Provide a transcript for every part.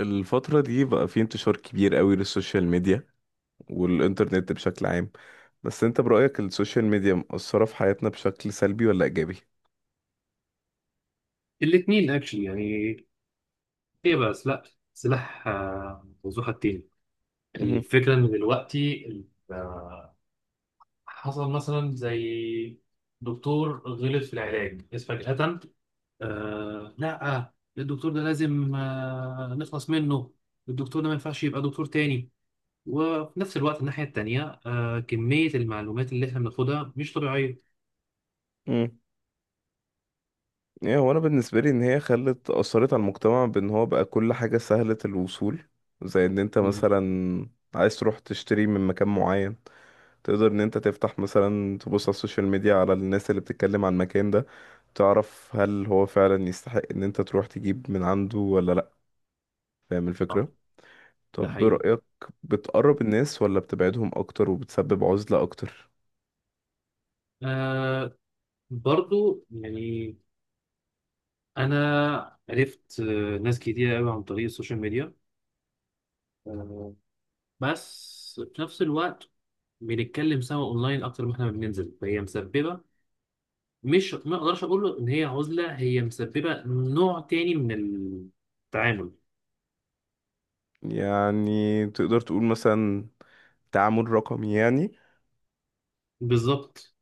الفترة دي بقى في انتشار كبير قوي للسوشيال ميديا والإنترنت بشكل عام. بس انت برأيك السوشيال ميديا مأثرة في حياتنا بشكل سلبي ولا إيجابي؟ الاثنين اكشلي، يعني ايه بقى؟ سلاح، سلاح ذو حدين. مهم. الفكره ان دلوقتي آه، حصل مثلا زي دكتور غلط في العلاج بس فجاه. آه لا، الدكتور ده لازم نخلص منه، الدكتور ده ما ينفعش يبقى دكتور تاني. وفي نفس الوقت الناحيه التانيه كميه المعلومات اللي احنا بناخدها مش طبيعيه. مم. يعني هو أنا بالنسبة لي إن هي خلت أثرت على المجتمع بإن هو بقى كل حاجة سهلة الوصول، زي إن أنت مم. مثلا عايز تروح تشتري من مكان معين، تقدر إن أنت تفتح مثلا تبص على السوشيال ميديا على الناس اللي بتتكلم عن المكان ده، تعرف هل هو فعلا يستحق إن أنت تروح تجيب من عنده ولا لأ. فاهم آه، الفكرة؟ ده طب حقيقي. برأيك بتقرب الناس ولا بتبعدهم أكتر وبتسبب عزلة أكتر؟ آه برضو يعني انا عرفت ناس كتير قوي عن طريق السوشيال ميديا، آه، بس في نفس الوقت بنتكلم سوا اونلاين اكتر ما احنا ما بننزل، فهي مسببه، مش ما اقدرش اقول له ان هي عزله، هي مسببه نوع تاني من التعامل. يعني تقدر تقول مثلا تعامل رقمي يعني. بالظبط،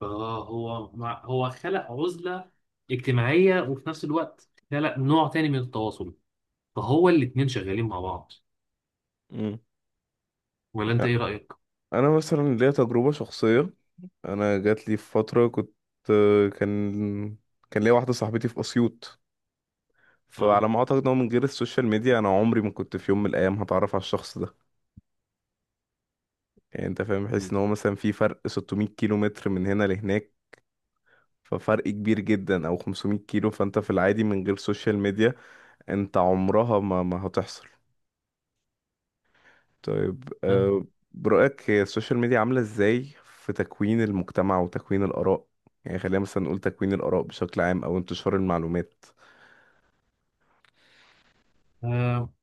هو خلق عزله اجتماعيه وفي نفس الوقت خلق نوع تاني من التواصل، فهو الاتنين شغالين مع بعض. مم. ولا انت ايه رايك؟ أنا مثلا ليا تجربة شخصية. أنا جات لي في فترة كنت كان كان ليا واحدة صاحبتي في أسيوط، اه فعلى ما أعتقد إن هو من غير السوشيال ميديا أنا عمري ما كنت في يوم من الأيام هتعرف على الشخص ده. يعني أنت فاهم بحيث إن هو مثلا في فرق 600 كيلو متر من هنا لهناك، ففرق كبير جدا أو 500 كيلو، فأنت في العادي من غير سوشيال ميديا انت عمرها ما هتحصل. طيب، برأيك هي السوشيال ميديا عاملة ازاي في تكوين المجتمع وتكوين الآراء؟ يعني خلينا مثلا نقول تكوين الآراء بشكل عام او انتشار المعلومات. آه.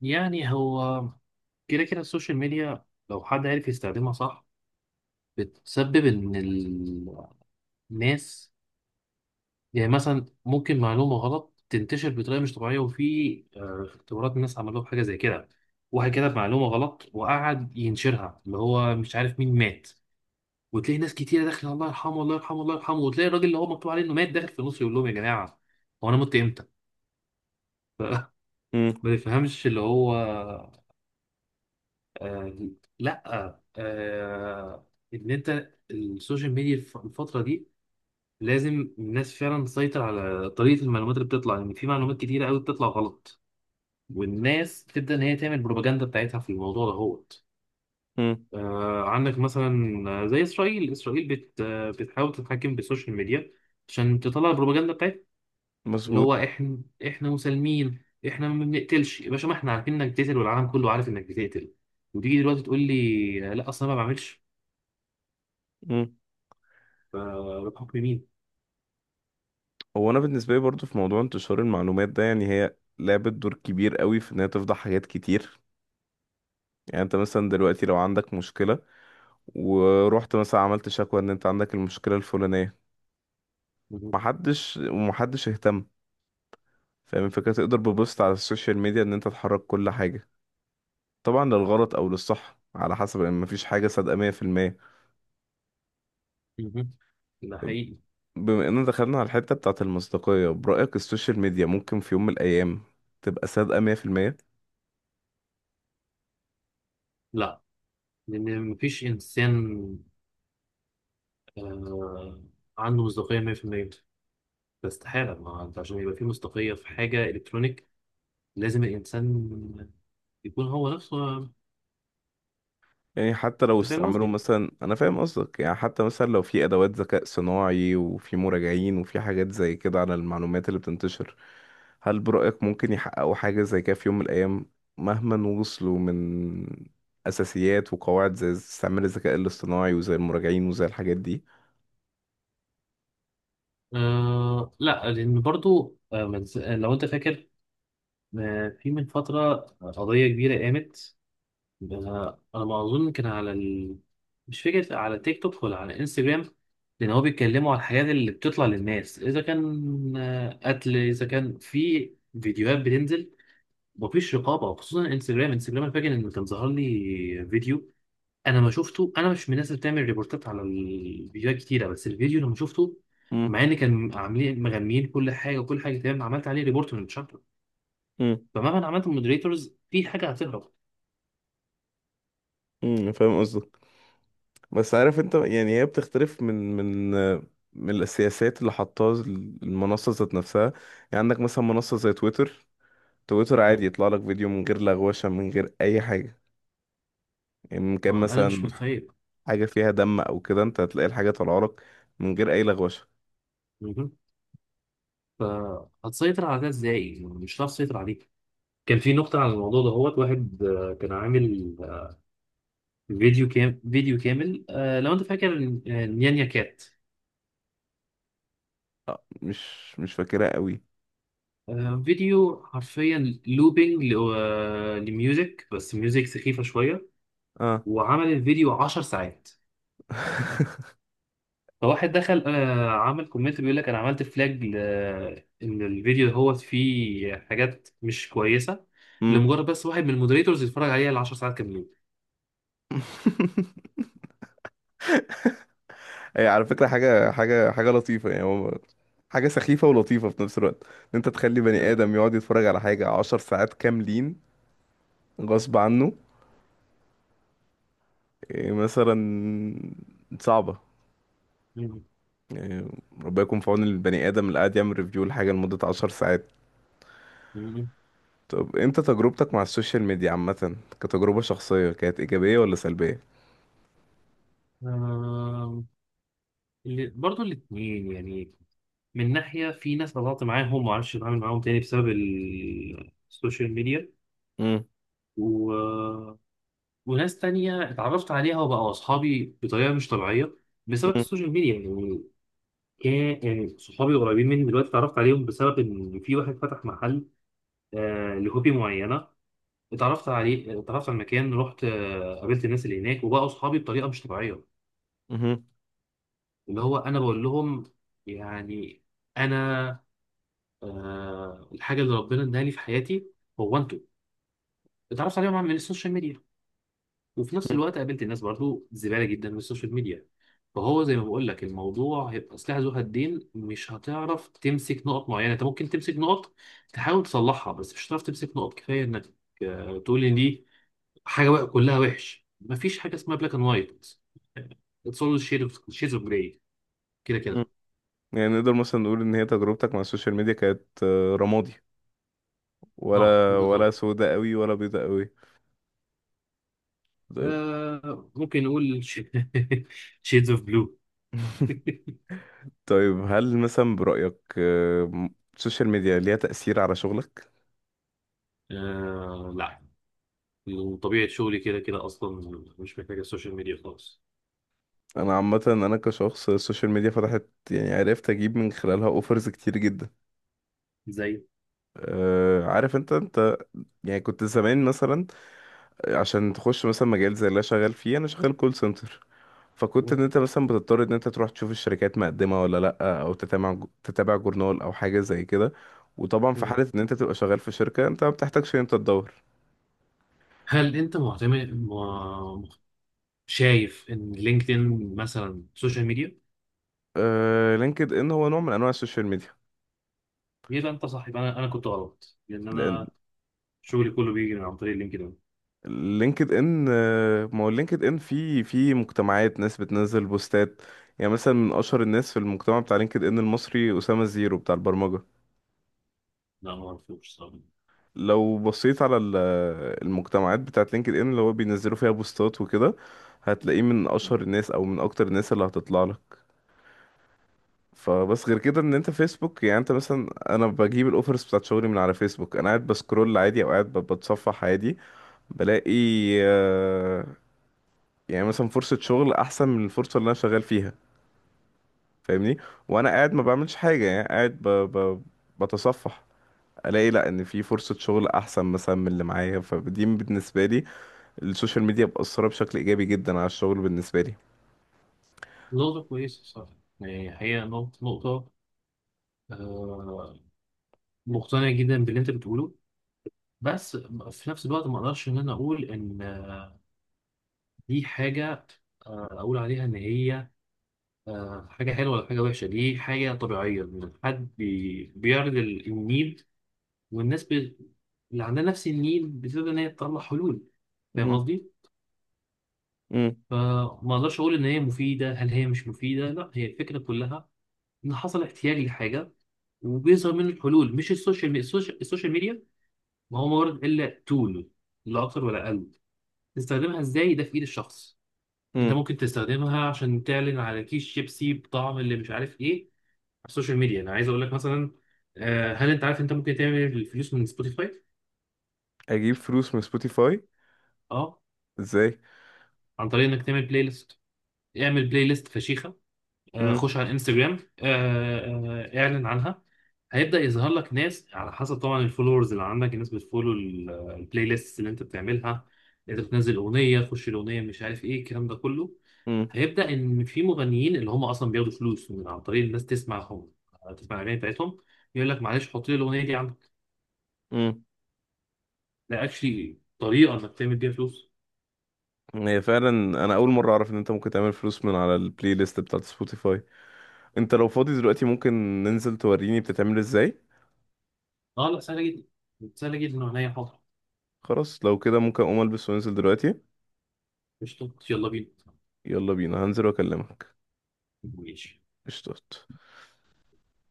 يعني هو كده كده السوشيال ميديا، لو حد عارف يستخدمها صح، بتسبب ان الناس، يعني مثلا ممكن معلومة غلط تنتشر بطريقة مش طبيعية. وفي اختبارات الناس عملوها بحاجة زي كده، واحد كتب معلومة غلط وقعد ينشرها اللي هو مش عارف مين مات، وتلاقي ناس كتيرة داخلة الله يرحمه الله يرحمه الله يرحمه، وتلاقي الراجل اللي هو مكتوب عليه انه مات داخل في النص يقول لهم يا جماعة، هو انا مت امتى؟ مم، ما تفهمش اللي هو، آه لا آه ان انت السوشيال ميديا الفتره دي لازم الناس فعلا تسيطر على طريقه المعلومات اللي بتطلع، لان في معلومات كتيره قوي بتطلع غلط والناس تبدا ان هي تعمل بروباجندا بتاعتها في الموضوع ده هوت. مم، عندك مثلا، زي اسرائيل، اسرائيل بت آه، بتحاول تتحكم بالسوشيال ميديا عشان تطلع البروباجندا بتاعتها، اللي مظبوط. هو احنا، احنا مسالمين، احنا ما بنقتلش يا باشا. ما احنا عارفين انك بتقتل والعالم كله عارف انك بتقتل، وتيجي دلوقتي تقول لي لا اصلا ما بعملش. مم. فبتحكم مين؟ هو انا بالنسبة لي برضو في موضوع انتشار المعلومات ده، يعني هي لعبت دور كبير قوي في انها تفضح حاجات كتير. يعني انت مثلا دلوقتي لو عندك مشكلة، ورحت مثلا عملت شكوى ان انت عندك المشكلة الفلانية، مهم. محدش ومحدش اهتم. فاهم الفكرة؟ تقدر ببوست على السوشيال ميديا ان انت تحرك كل حاجة، طبعا للغلط او للصح، على حسب ان مفيش حاجة صادقة 100%. مهم. ده حقيقي. بما اننا دخلنا على الحتة بتاعة المصداقية، برأيك السوشيال ميديا ممكن في يوم من الايام تبقى صادقة 100%؟ لا، لأن مفيش إنسان آه، عنده مصداقية 100%. ده استحالة، ما أنت عشان يبقى في مصداقية في حاجة إلكترونيك لازم الإنسان يكون هو نفسه. يعني حتى لو أنت فاهم استعملوا قصدي؟ مثلا، انا فاهم قصدك، يعني حتى مثلا لو في ادوات ذكاء صناعي وفي مراجعين وفي حاجات زي كده على المعلومات اللي بتنتشر، هل برأيك ممكن يحققوا حاجة زي كده في يوم من الايام؟ مهما وصلوا من اساسيات وقواعد زي استعمال الذكاء الاصطناعي وزي المراجعين وزي الحاجات دي. آه لا لأن برضو آه من... لو أنت فاكر، في من فترة قضية كبيرة قامت، ده انا أنا ما اظن كان على ال... مش فكره، على تيك توك ولا على انستجرام، لان هو بيتكلموا على الحاجات اللي بتطلع للناس، اذا كان قتل، اذا كان في فيديوهات بتنزل مفيش رقابه، وخصوصا انستجرام. انا فاكر ان كان ظهر لي فيديو، انا ما شفته، انا مش من الناس اللي بتعمل ريبورتات على الفيديوهات كتيره، بس الفيديو لما شفته امم مع ان كان عاملين مغنيين كل حاجه وكل حاجه تمام، عملت عليه ريبورت من شهر. امم فمهما أنا عملت مودريتورز في حاجه هتهرب. فاهم قصدك. بس عارف انت، يعني هي بتختلف من السياسات اللي حطاها المنصة ذات نفسها. يعني عندك مثلا منصة زي تويتر عادي مم. يطلع لك فيديو من غير لغوشة، من غير أي حاجة. يعني من كان ما انا مش مثلا متخيل، حاجة فيها دم أو كده، أنت هتلاقي الحاجة طالعة لك من غير أي لغوشة. فهتسيطر على ده ازاي؟ يعني مش هتعرف تسيطر عليه. كان في نقطة على الموضوع ده، هو واحد كان عامل فيديو كامل، لو انت فاكر، نيانيا كات، آه، مش فاكرها قوي. فيديو حرفيا لوبينج لميوزك، بس ميوزك سخيفة شوية، اه. وعمل الفيديو 10 ساعات. فواحد دخل عمل كومنت بيقول لك انا عملت فلاج ل... ان الفيديو هو فيه حاجات مش كويسة، امم. لمجرد بس واحد من المودريتورز يتفرج عليها ال 10 ساعات هي على فكرة حاجة لطيفة، يعني هو حاجة سخيفة ولطيفة في نفس الوقت، إن أنت تخلي بني آدم يقعد يتفرج على حاجة عشر ساعات كاملين غصب عنه. إيه مثلا؟ صعبة يعني. ربنا يكون في عون البني آدم اللي قاعد يعمل ريفيو لحاجة لمدة عشر ساعات. كاملين. طب انت تجربتك مع السوشيال ميديا عامة كتجربة شخصية كانت ايجابية ولا سلبية؟ آم، برضو الاتنين يعني، من ناحية في ناس قطعت معاهم ومعرفش أتعامل معاهم تاني بسبب السوشيال ميديا، مم. و... وناس تانية اتعرفت عليها وبقوا أصحابي بطريقة مش طبيعية بسبب مم. السوشيال ميديا يعني. كان يعني صحابي القريبين مني دلوقتي اتعرفت عليهم بسبب إن في واحد فتح محل لهوبي معينة، اتعرفت عليه، اتعرفت على المكان، رحت قابلت الناس اللي هناك وبقوا أصحابي بطريقة مش طبيعية. مم. اللي هو أنا بقول لهم يعني، انا، الحاجه اللي ربنا اداها لي في حياتي هو انتوا، اتعرفت عليهم من السوشيال ميديا، وفي نفس مم. الوقت قابلت الناس برضو زباله جدا من السوشيال ميديا. فهو زي ما بقول لك، الموضوع هيبقى سلاح ذو حدين، مش هتعرف تمسك نقط معينه، انت ممكن تمسك نقط تحاول تصلحها، بس مش هتعرف تمسك نقط كفايه انك تقول ان دي حاجه بقى كلها وحش. مفيش حاجه اسمها بلاك اند وايت، اتس اول شيدز اوف جراي، كده مم. كده. يعني نقدر مثلا نقول ان هي تجربتك مع السوشيال ميديا كانت، رمادي، اه ولا بالظبط. سودة قوي ولا بيضة قوي؟ طيب. آه ممكن نقول شيدز اوف بلو. طيب، هل مثلا برأيك، السوشيال ميديا ليها تأثير على شغلك؟ آه لا، وطبيعة شغلي كده كده أصلا مش محتاج السوشيال ميديا خالص. انا عامة انا كشخص السوشيال ميديا فتحت، يعني عرفت اجيب من خلالها اوفرز كتير جدا. زي أه، عارف انت انت، يعني كنت زمان مثلا عشان تخش مثلا مجال زي اللي أنا شغال فيه، انا شغال كول سنتر، فكنت ان انت مثلا بتضطر ان انت تروح تشوف الشركات مقدمه ولا لا، او تتابع جورنال او حاجه زي كده. وطبعا في مم. حاله ان انت تبقى شغال في شركه انت ما بتحتاجش ان انت تدور. هل أنت معتمد شايف إن لينكدإن مثلا سوشيال ميديا؟ آه، لينكد ان هو نوع من انواع السوشيال ميديا. يبقى أنت صح، يبقى أنا كنت غلط، لأن لان أنا شغلي كله بيجي من عن طريق لينكدإن. لينكد ان، ما هو لينكد ان في مجتمعات ناس بتنزل بوستات. يعني مثلا من اشهر الناس في المجتمع بتاع لينكد ان المصري اسامه زيرو بتاع البرمجه. لا ما أعرفوش صراحة. لو بصيت على المجتمعات بتاعت لينكد ان اللي هو بينزلوا فيها بوستات وكده، هتلاقيه من اشهر الناس او من اكتر الناس اللي هتطلع لك. فبس غير كده ان انت فيسبوك، يعني انت مثلا، انا بجيب الاوفرز بتاعت شغلي من على فيسبوك. انا قاعد بسكرول عادي او قاعد بتصفح عادي، بلاقي، آه، يعني مثلا فرصة شغل احسن من الفرصة اللي انا شغال فيها. فاهمني؟ وانا قاعد ما بعملش حاجة، يعني قاعد ب... بتصفح، الاقي لا ان في فرصة شغل احسن مثلا من اللي معايا. فدي بالنسبة لي السوشيال ميديا مأثرة بشكل إيجابي جدا على الشغل بالنسبة لي. نقطة كويسة صح، يعني هي نقطة آه مقتنع جدا باللي أنت بتقوله، بس في نفس الوقت ما أقدرش إن أنا أقول إن دي حاجة، أقول عليها إن هي حاجة حلوة ولا حاجة وحشة. دي حاجة طبيعية إن حد بيعرض النيل، والناس بي... اللي عندها نفس النيل بتبدأ إن هي تطلع حلول. فاهم مهم. قصدي؟ مم. فما أقدرش أقول إن هي مفيدة هل هي مش مفيدة، لا هي الفكرة كلها إن حصل احتياج لحاجة وبيظهر منه الحلول، مش السوشيال ميديا. السوشيال ميديا ما هو مجرد إلا تول، لا أكتر ولا أقل، تستخدمها إزاي ده في إيد الشخص. أنت مم. ممكن تستخدمها عشان تعلن على كيس شيبسي بطعم اللي مش عارف إيه. السوشيال ميديا انا عايز اقول لك مثلا، هل انت عارف انت ممكن تعمل الفلوس من سبوتيفاي؟ أجيب فلوس من سبوتيفاي؟ اه، إزاي؟ عن طريق انك تعمل بلاي ليست، اعمل بلاي ليست فشيخه، مم. خش على انستجرام، اعلن عنها. هيبدا يظهر لك ناس على حسب طبعا الفولورز اللي عندك، الناس بتفولو البلاي ليست اللي انت بتعملها. انت بتنزل اغنيه، خش الاغنيه مش عارف ايه الكلام ده كله، مم. هيبدا ان في مغنيين اللي هم اصلا بياخدوا فلوس من عن طريق الناس تسمعهم، تسمع الاغاني بتاعتهم، يقول لك معلش حط لي الاغنيه دي. مم. لا اكشلي طريقه انك تعمل بيها فلوس. هي فعلا. أنا أول مرة أعرف إن أنت ممكن تعمل فلوس من على البلاي ليست بتاعت سبوتيفاي. أنت لو فاضي دلوقتي ممكن ننزل توريني بتتعمل إزاي؟ اه لا سهله جدا، سهله جدا وعينيا حاضر. خلاص لو كده ممكن أقوم ألبس وأنزل دلوقتي. قشطه، يلا بينا. يلا بينا هنزل وأكلمك. ماشي. قشطات.